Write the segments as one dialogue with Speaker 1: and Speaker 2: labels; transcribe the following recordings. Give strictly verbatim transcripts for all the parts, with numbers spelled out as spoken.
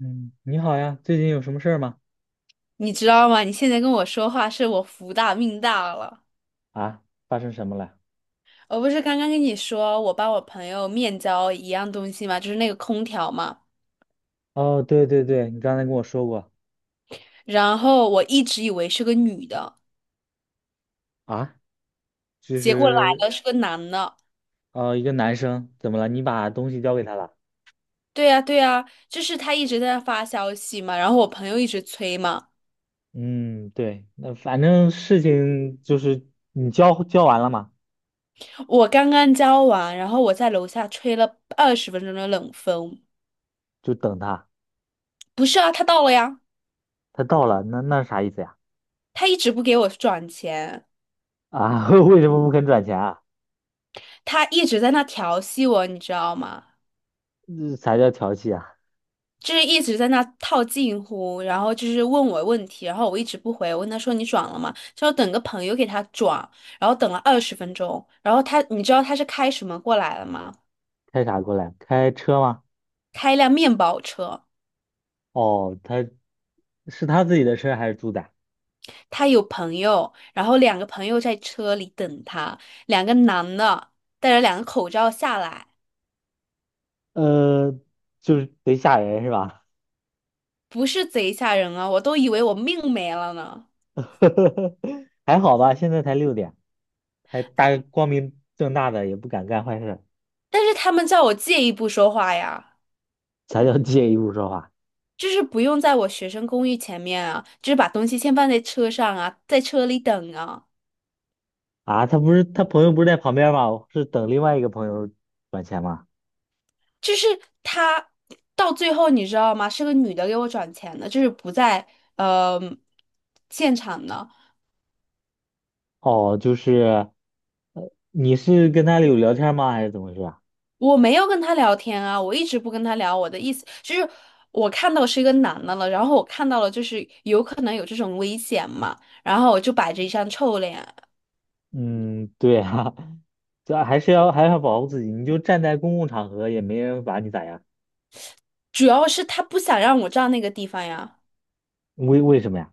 Speaker 1: 嗯，你好呀，最近有什么事儿吗？
Speaker 2: 你知道吗？你现在跟我说话，是我福大命大了。
Speaker 1: 啊，发生什么了？
Speaker 2: 我不是刚刚跟你说，我帮我朋友面交一样东西嘛，就是那个空调嘛。
Speaker 1: 哦，对对对，你刚才跟我说过。
Speaker 2: 然后我一直以为是个女的，
Speaker 1: 啊，就
Speaker 2: 结果来
Speaker 1: 是
Speaker 2: 了是个男的。
Speaker 1: 呃，一个男生怎么了？你把东西交给他了？
Speaker 2: 对呀，对呀，就是他一直在那发消息嘛，然后我朋友一直催嘛。
Speaker 1: 嗯，对，那反正事情就是你交交完了嘛，
Speaker 2: 我刚刚交完，然后我在楼下吹了二十分钟的冷风。
Speaker 1: 就等他。
Speaker 2: 不是啊，他到了呀，
Speaker 1: 他到了，那那是啥意思呀？
Speaker 2: 他一直不给我转钱，
Speaker 1: 啊，为什么不肯转钱啊？
Speaker 2: 他一直在那调戏我，你知道吗？
Speaker 1: 这啥叫调戏啊？
Speaker 2: 就是一直在那套近乎，然后就是问我问题，然后我一直不回，我问他说你转了吗？就要等个朋友给他转，然后等了二十分钟，然后他你知道他是开什么过来了吗？
Speaker 1: 开啥过来？开车吗？
Speaker 2: 开一辆面包车，
Speaker 1: 哦，他是他自己的车还是租的？
Speaker 2: 他有朋友，然后两个朋友在车里等他，两个男的戴着两个口罩下来，
Speaker 1: 呃，就是贼吓人是吧？
Speaker 2: 不是贼吓人啊，我都以为我命没了呢，
Speaker 1: 还好吧，现在才六点，还大光明正大的也不敢干坏事，
Speaker 2: 但是他们叫我借一步说话呀。
Speaker 1: 才叫借一步说话
Speaker 2: 就是不用在我学生公寓前面啊，就是把东西先放在车上啊，在车里等啊。
Speaker 1: 啊！他不是他朋友不是在旁边吗？是等另外一个朋友转钱吗？
Speaker 2: 就是他到最后你知道吗？是个女的给我转钱的，就是不在呃现场的。
Speaker 1: 哦，就是呃，你是跟他有聊天吗？还是怎么回事啊？
Speaker 2: 我没有跟他聊天啊，我一直不跟他聊。我的意思就是，我看到是一个男的了，然后我看到了就是有可能有这种危险嘛，然后我就摆着一张臭脸。
Speaker 1: 嗯 对啊，这还是要还是要保护自己，你就站在公共场合也没人把你咋样。
Speaker 2: 主要是他不想让我站那个地方呀，
Speaker 1: 为为什么呀？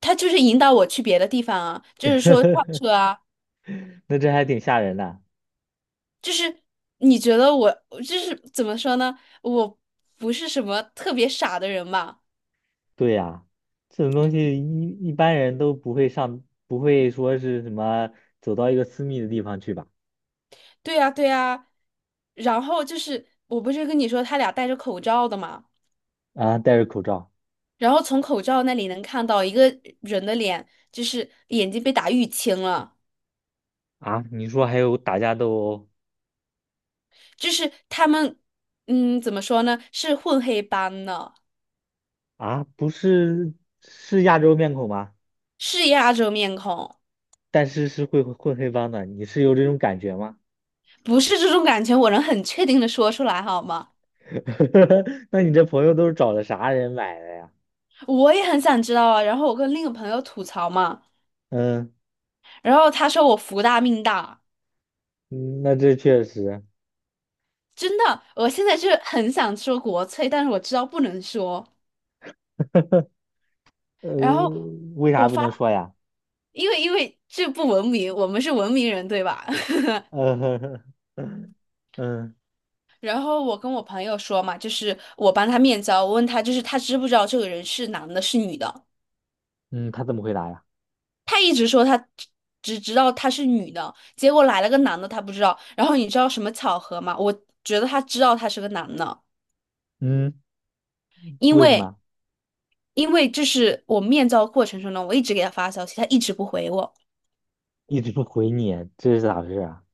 Speaker 2: 他就是引导我去别的地方啊，就是说上车 啊。
Speaker 1: 那这还挺吓人的。
Speaker 2: 就是你觉得我就是怎么说呢？我不是什么特别傻的人嘛。
Speaker 1: 对呀，这种东西一一般人都不会上，不会说是什么走到一个私密的地方去吧？
Speaker 2: 对呀，对呀。然后就是我不是跟你说他俩戴着口罩的嘛，
Speaker 1: 啊，戴着口罩。
Speaker 2: 然后从口罩那里能看到一个人的脸，就是眼睛被打淤青了，
Speaker 1: 啊，你说还有打架斗殴
Speaker 2: 就是他们，嗯，怎么说呢？是混黑斑的，
Speaker 1: 啊？不是，是亚洲面孔吗？
Speaker 2: 是亚洲面孔，
Speaker 1: 但是是会混黑帮的，你是有这种感觉吗？
Speaker 2: 不是这种感觉，我能很确定的说出来好吗？
Speaker 1: 那你这朋友都是找的啥人买的呀？
Speaker 2: 我也很想知道啊。然后我跟另一个朋友吐槽嘛。
Speaker 1: 嗯，
Speaker 2: 然后他说我福大命大，
Speaker 1: 嗯那这确实。
Speaker 2: 真的，我现在就是很想说国粹，但是我知道不能说。
Speaker 1: 呃，
Speaker 2: 然后
Speaker 1: 为啥
Speaker 2: 我
Speaker 1: 不
Speaker 2: 发，
Speaker 1: 能说呀？
Speaker 2: 因为因为这不文明，我们是文明人，对吧？
Speaker 1: 嗯
Speaker 2: 然后我跟我朋友说嘛，就是我帮他面交，我问他就是他知不知道这个人是男的，是女的。
Speaker 1: 嗯，他怎么回答呀？
Speaker 2: 他一直说他只只知道他是女的，结果来了个男的，他不知道。然后你知道什么巧合吗？我觉得他知道他是个男的，
Speaker 1: 嗯，
Speaker 2: 因
Speaker 1: 为什
Speaker 2: 为。
Speaker 1: 么？
Speaker 2: 因为这是我面交过程中呢，我一直给他发消息，他一直不回我。
Speaker 1: 一直不回你，这是咋回事啊？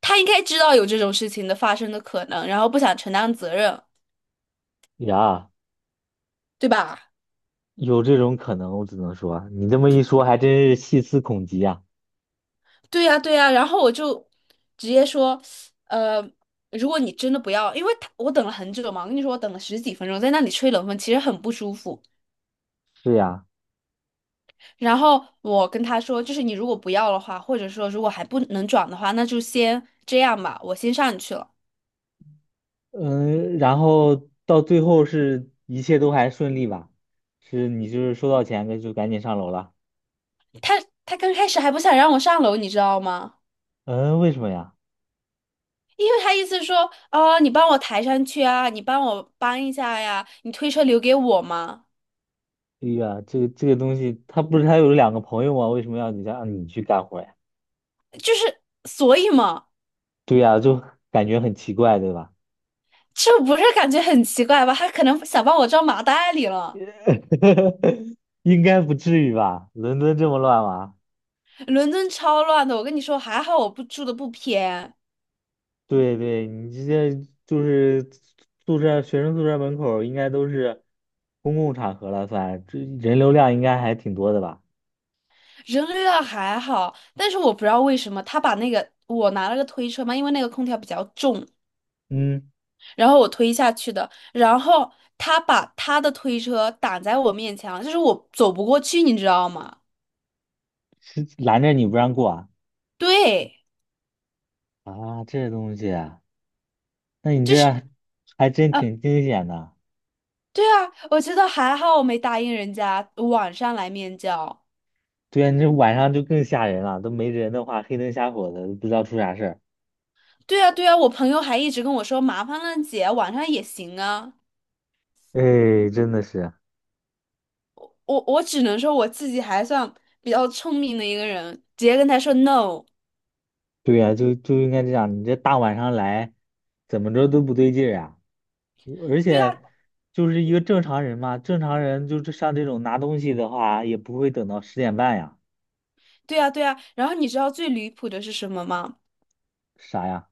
Speaker 2: 他应该知道有这种事情的发生的可能，然后不想承担责任，
Speaker 1: 呀，
Speaker 2: 对吧？
Speaker 1: 有这种可能，我只能说，你这么一说，还真是细思恐极啊。
Speaker 2: 对呀，对呀。然后我就直接说，呃，如果你真的不要，因为他我等了很久嘛，我跟你说我等了十几分钟，在那里吹冷风，其实很不舒服。
Speaker 1: 是呀，
Speaker 2: 然后我跟他说，就是你如果不要的话，或者说如果还不能转的话，那就先这样吧，我先上去了。
Speaker 1: 嗯，然后到最后是一切都还顺利吧？是你就是收到钱那就赶紧上楼了？
Speaker 2: 他他刚开始还不想让我上楼，你知道吗？
Speaker 1: 嗯，为什么呀？
Speaker 2: 因为他意思说，哦，你帮我抬上去啊，你帮我搬一下呀，你推车留给我嘛，
Speaker 1: 哎呀，这个这个东西，他不是还有两个朋友吗？为什么要你让你去干活呀？
Speaker 2: 就是所以嘛，
Speaker 1: 对呀，就感觉很奇怪，对吧？
Speaker 2: 这不是感觉很奇怪吧？他可能想把我装麻袋里了。
Speaker 1: 应该不至于吧？伦敦这么乱吗？
Speaker 2: 伦敦超乱的，我跟你说，还好我不住的不偏，
Speaker 1: 对对，你这些就是宿舍学生宿舍门口儿应该都是公共场合了算，这人流量应该还挺多的吧？
Speaker 2: 人流量还好，但是我不知道为什么他把那个我拿了个推车嘛，因为那个空调比较重，
Speaker 1: 嗯，
Speaker 2: 然后我推下去的，然后他把他的推车挡在我面前了，就是我走不过去，你知道吗？
Speaker 1: 是拦着你不让过啊？
Speaker 2: 对。
Speaker 1: 啊，这东西啊，那你
Speaker 2: 就
Speaker 1: 这
Speaker 2: 是
Speaker 1: 还真挺惊险的。
Speaker 2: 对啊，我觉得还好，我没答应人家晚上来面交。
Speaker 1: 对呀，你这晚上就更吓人了，都没人的话，黑灯瞎火的，都不知道出啥事儿。
Speaker 2: 对啊，对啊，我朋友还一直跟我说，麻烦了姐，晚上也行啊。
Speaker 1: 哎，真的是，
Speaker 2: 我我只能说我自己还算比较聪明的一个人，直接跟他说 no。
Speaker 1: 对呀，就就应该这样，你这大晚上来，怎么着都不对劲儿啊。而
Speaker 2: 对啊，
Speaker 1: 且就是一个正常人嘛，正常人就是像这种拿东西的话，也不会等到十点半呀。
Speaker 2: 对啊，对啊。然后你知道最离谱的是什么吗？
Speaker 1: 啥呀？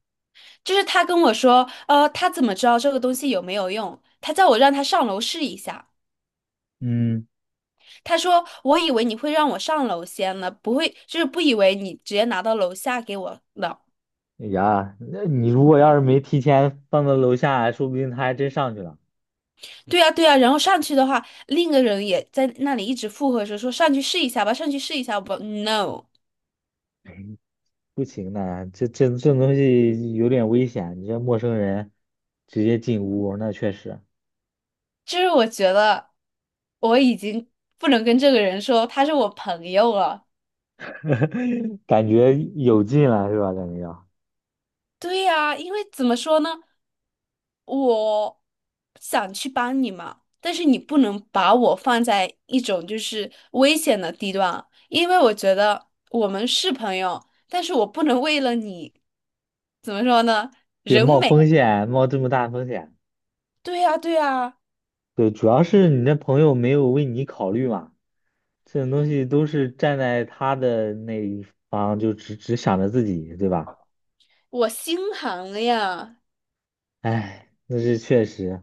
Speaker 2: 就是他跟我说，呃，他怎么知道这个东西有没有用？他叫我让他上楼试一下。
Speaker 1: 嗯，
Speaker 2: 他说："我以为你会让我上楼先呢，不会，就是不以为你直接拿到楼下给我的。"
Speaker 1: 哎呀，那你如果要是没提前放到楼下，说不定他还真上去了。
Speaker 2: 对呀，对呀，然后上去的话，另一个人也在那里一直附和着说："上去试一下吧，上去试一下吧。"No,
Speaker 1: 不行的，这这这东西有点危险，你这陌生人直接进屋，那确实
Speaker 2: 就是我觉得我已经不能跟这个人说他是我朋友了。
Speaker 1: 感觉有劲了，是吧？感觉要
Speaker 2: 对呀，因为怎么说呢，我想去帮你嘛，但是你不能把我放在一种就是危险的地段啊，因为我觉得我们是朋友，但是我不能为了你，怎么说呢，
Speaker 1: 对
Speaker 2: 人
Speaker 1: 冒
Speaker 2: 美。
Speaker 1: 风险，冒这么大风险。
Speaker 2: 对呀，对呀。
Speaker 1: 对，主要是你那朋友没有为你考虑嘛。这种东西都是站在他的那一方，就只只想着自己，对吧？
Speaker 2: 我心寒了呀！
Speaker 1: 哎，那是确实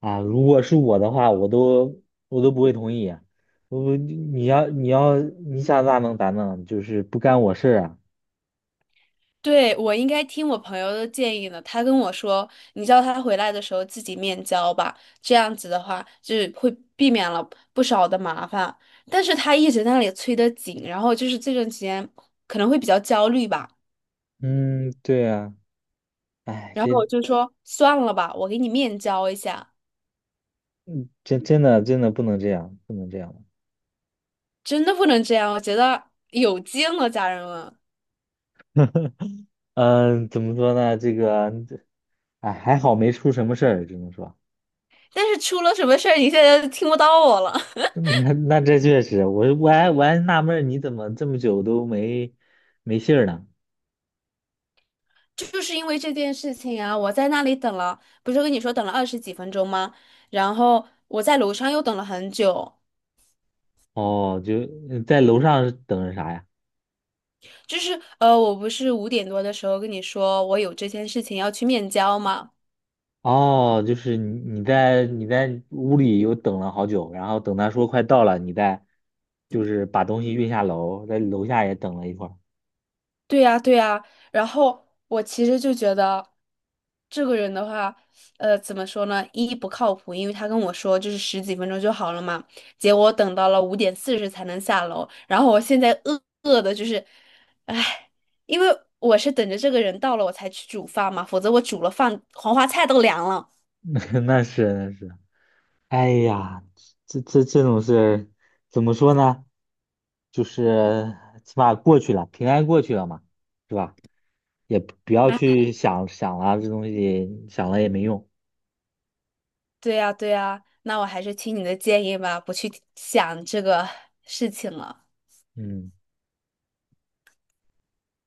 Speaker 1: 啊。如果是我的话，我都我都不会同意啊。我你要你要你想咋弄咋弄，就是不干我事儿啊。
Speaker 2: 对，我应该听我朋友的建议呢。他跟我说，你叫他回来的时候自己面交吧，这样子的话就是会避免了不少的麻烦。但是他一直在那里催得紧，然后就是这段时间可能会比较焦虑吧。
Speaker 1: 嗯，对啊。哎，
Speaker 2: 然后
Speaker 1: 这
Speaker 2: 我就说算了吧，我给你面交一下。
Speaker 1: 真真的真的不能这样，不能这样。
Speaker 2: 真的不能这样，我觉得有劲了，家人们。
Speaker 1: 嗯，怎么说呢？这个，哎，还好没出什么事儿，只能说。
Speaker 2: 但是出了什么事儿，你现在就听不到我了。
Speaker 1: 那那这确实，我我还我还纳闷儿你怎么这么久都没没信儿呢？
Speaker 2: 就是因为这件事情啊，我在那里等了，不是跟你说等了二十几分钟吗？然后我在楼上又等了很久。
Speaker 1: 哦，就呃在楼上是等着啥呀？
Speaker 2: 就是呃，我不是五点多的时候跟你说我有这件事情要去面交吗？
Speaker 1: 哦，就是你你在你在屋里又等了好久，然后等他说快到了，你再就是把东西运下楼，在楼下也等了一会儿。
Speaker 2: 对呀，对呀，然后我其实就觉得，这个人的话，呃，怎么说呢？一不靠谱，因为他跟我说就是十几分钟就好了嘛，结果等到了五点四十才能下楼，然后我现在饿饿的就是，唉，因为我是等着这个人到了我才去煮饭嘛，否则我煮了饭，黄花菜都凉了。
Speaker 1: 那是那是，哎呀，这这这种事儿怎么说呢？就是起码过去了，平安过去了嘛，是吧？也不要
Speaker 2: 啊，
Speaker 1: 去想想了，这东西想了也没用。
Speaker 2: 对呀，对呀，那我还是听你的建议吧，不去想这个事情了。
Speaker 1: 嗯。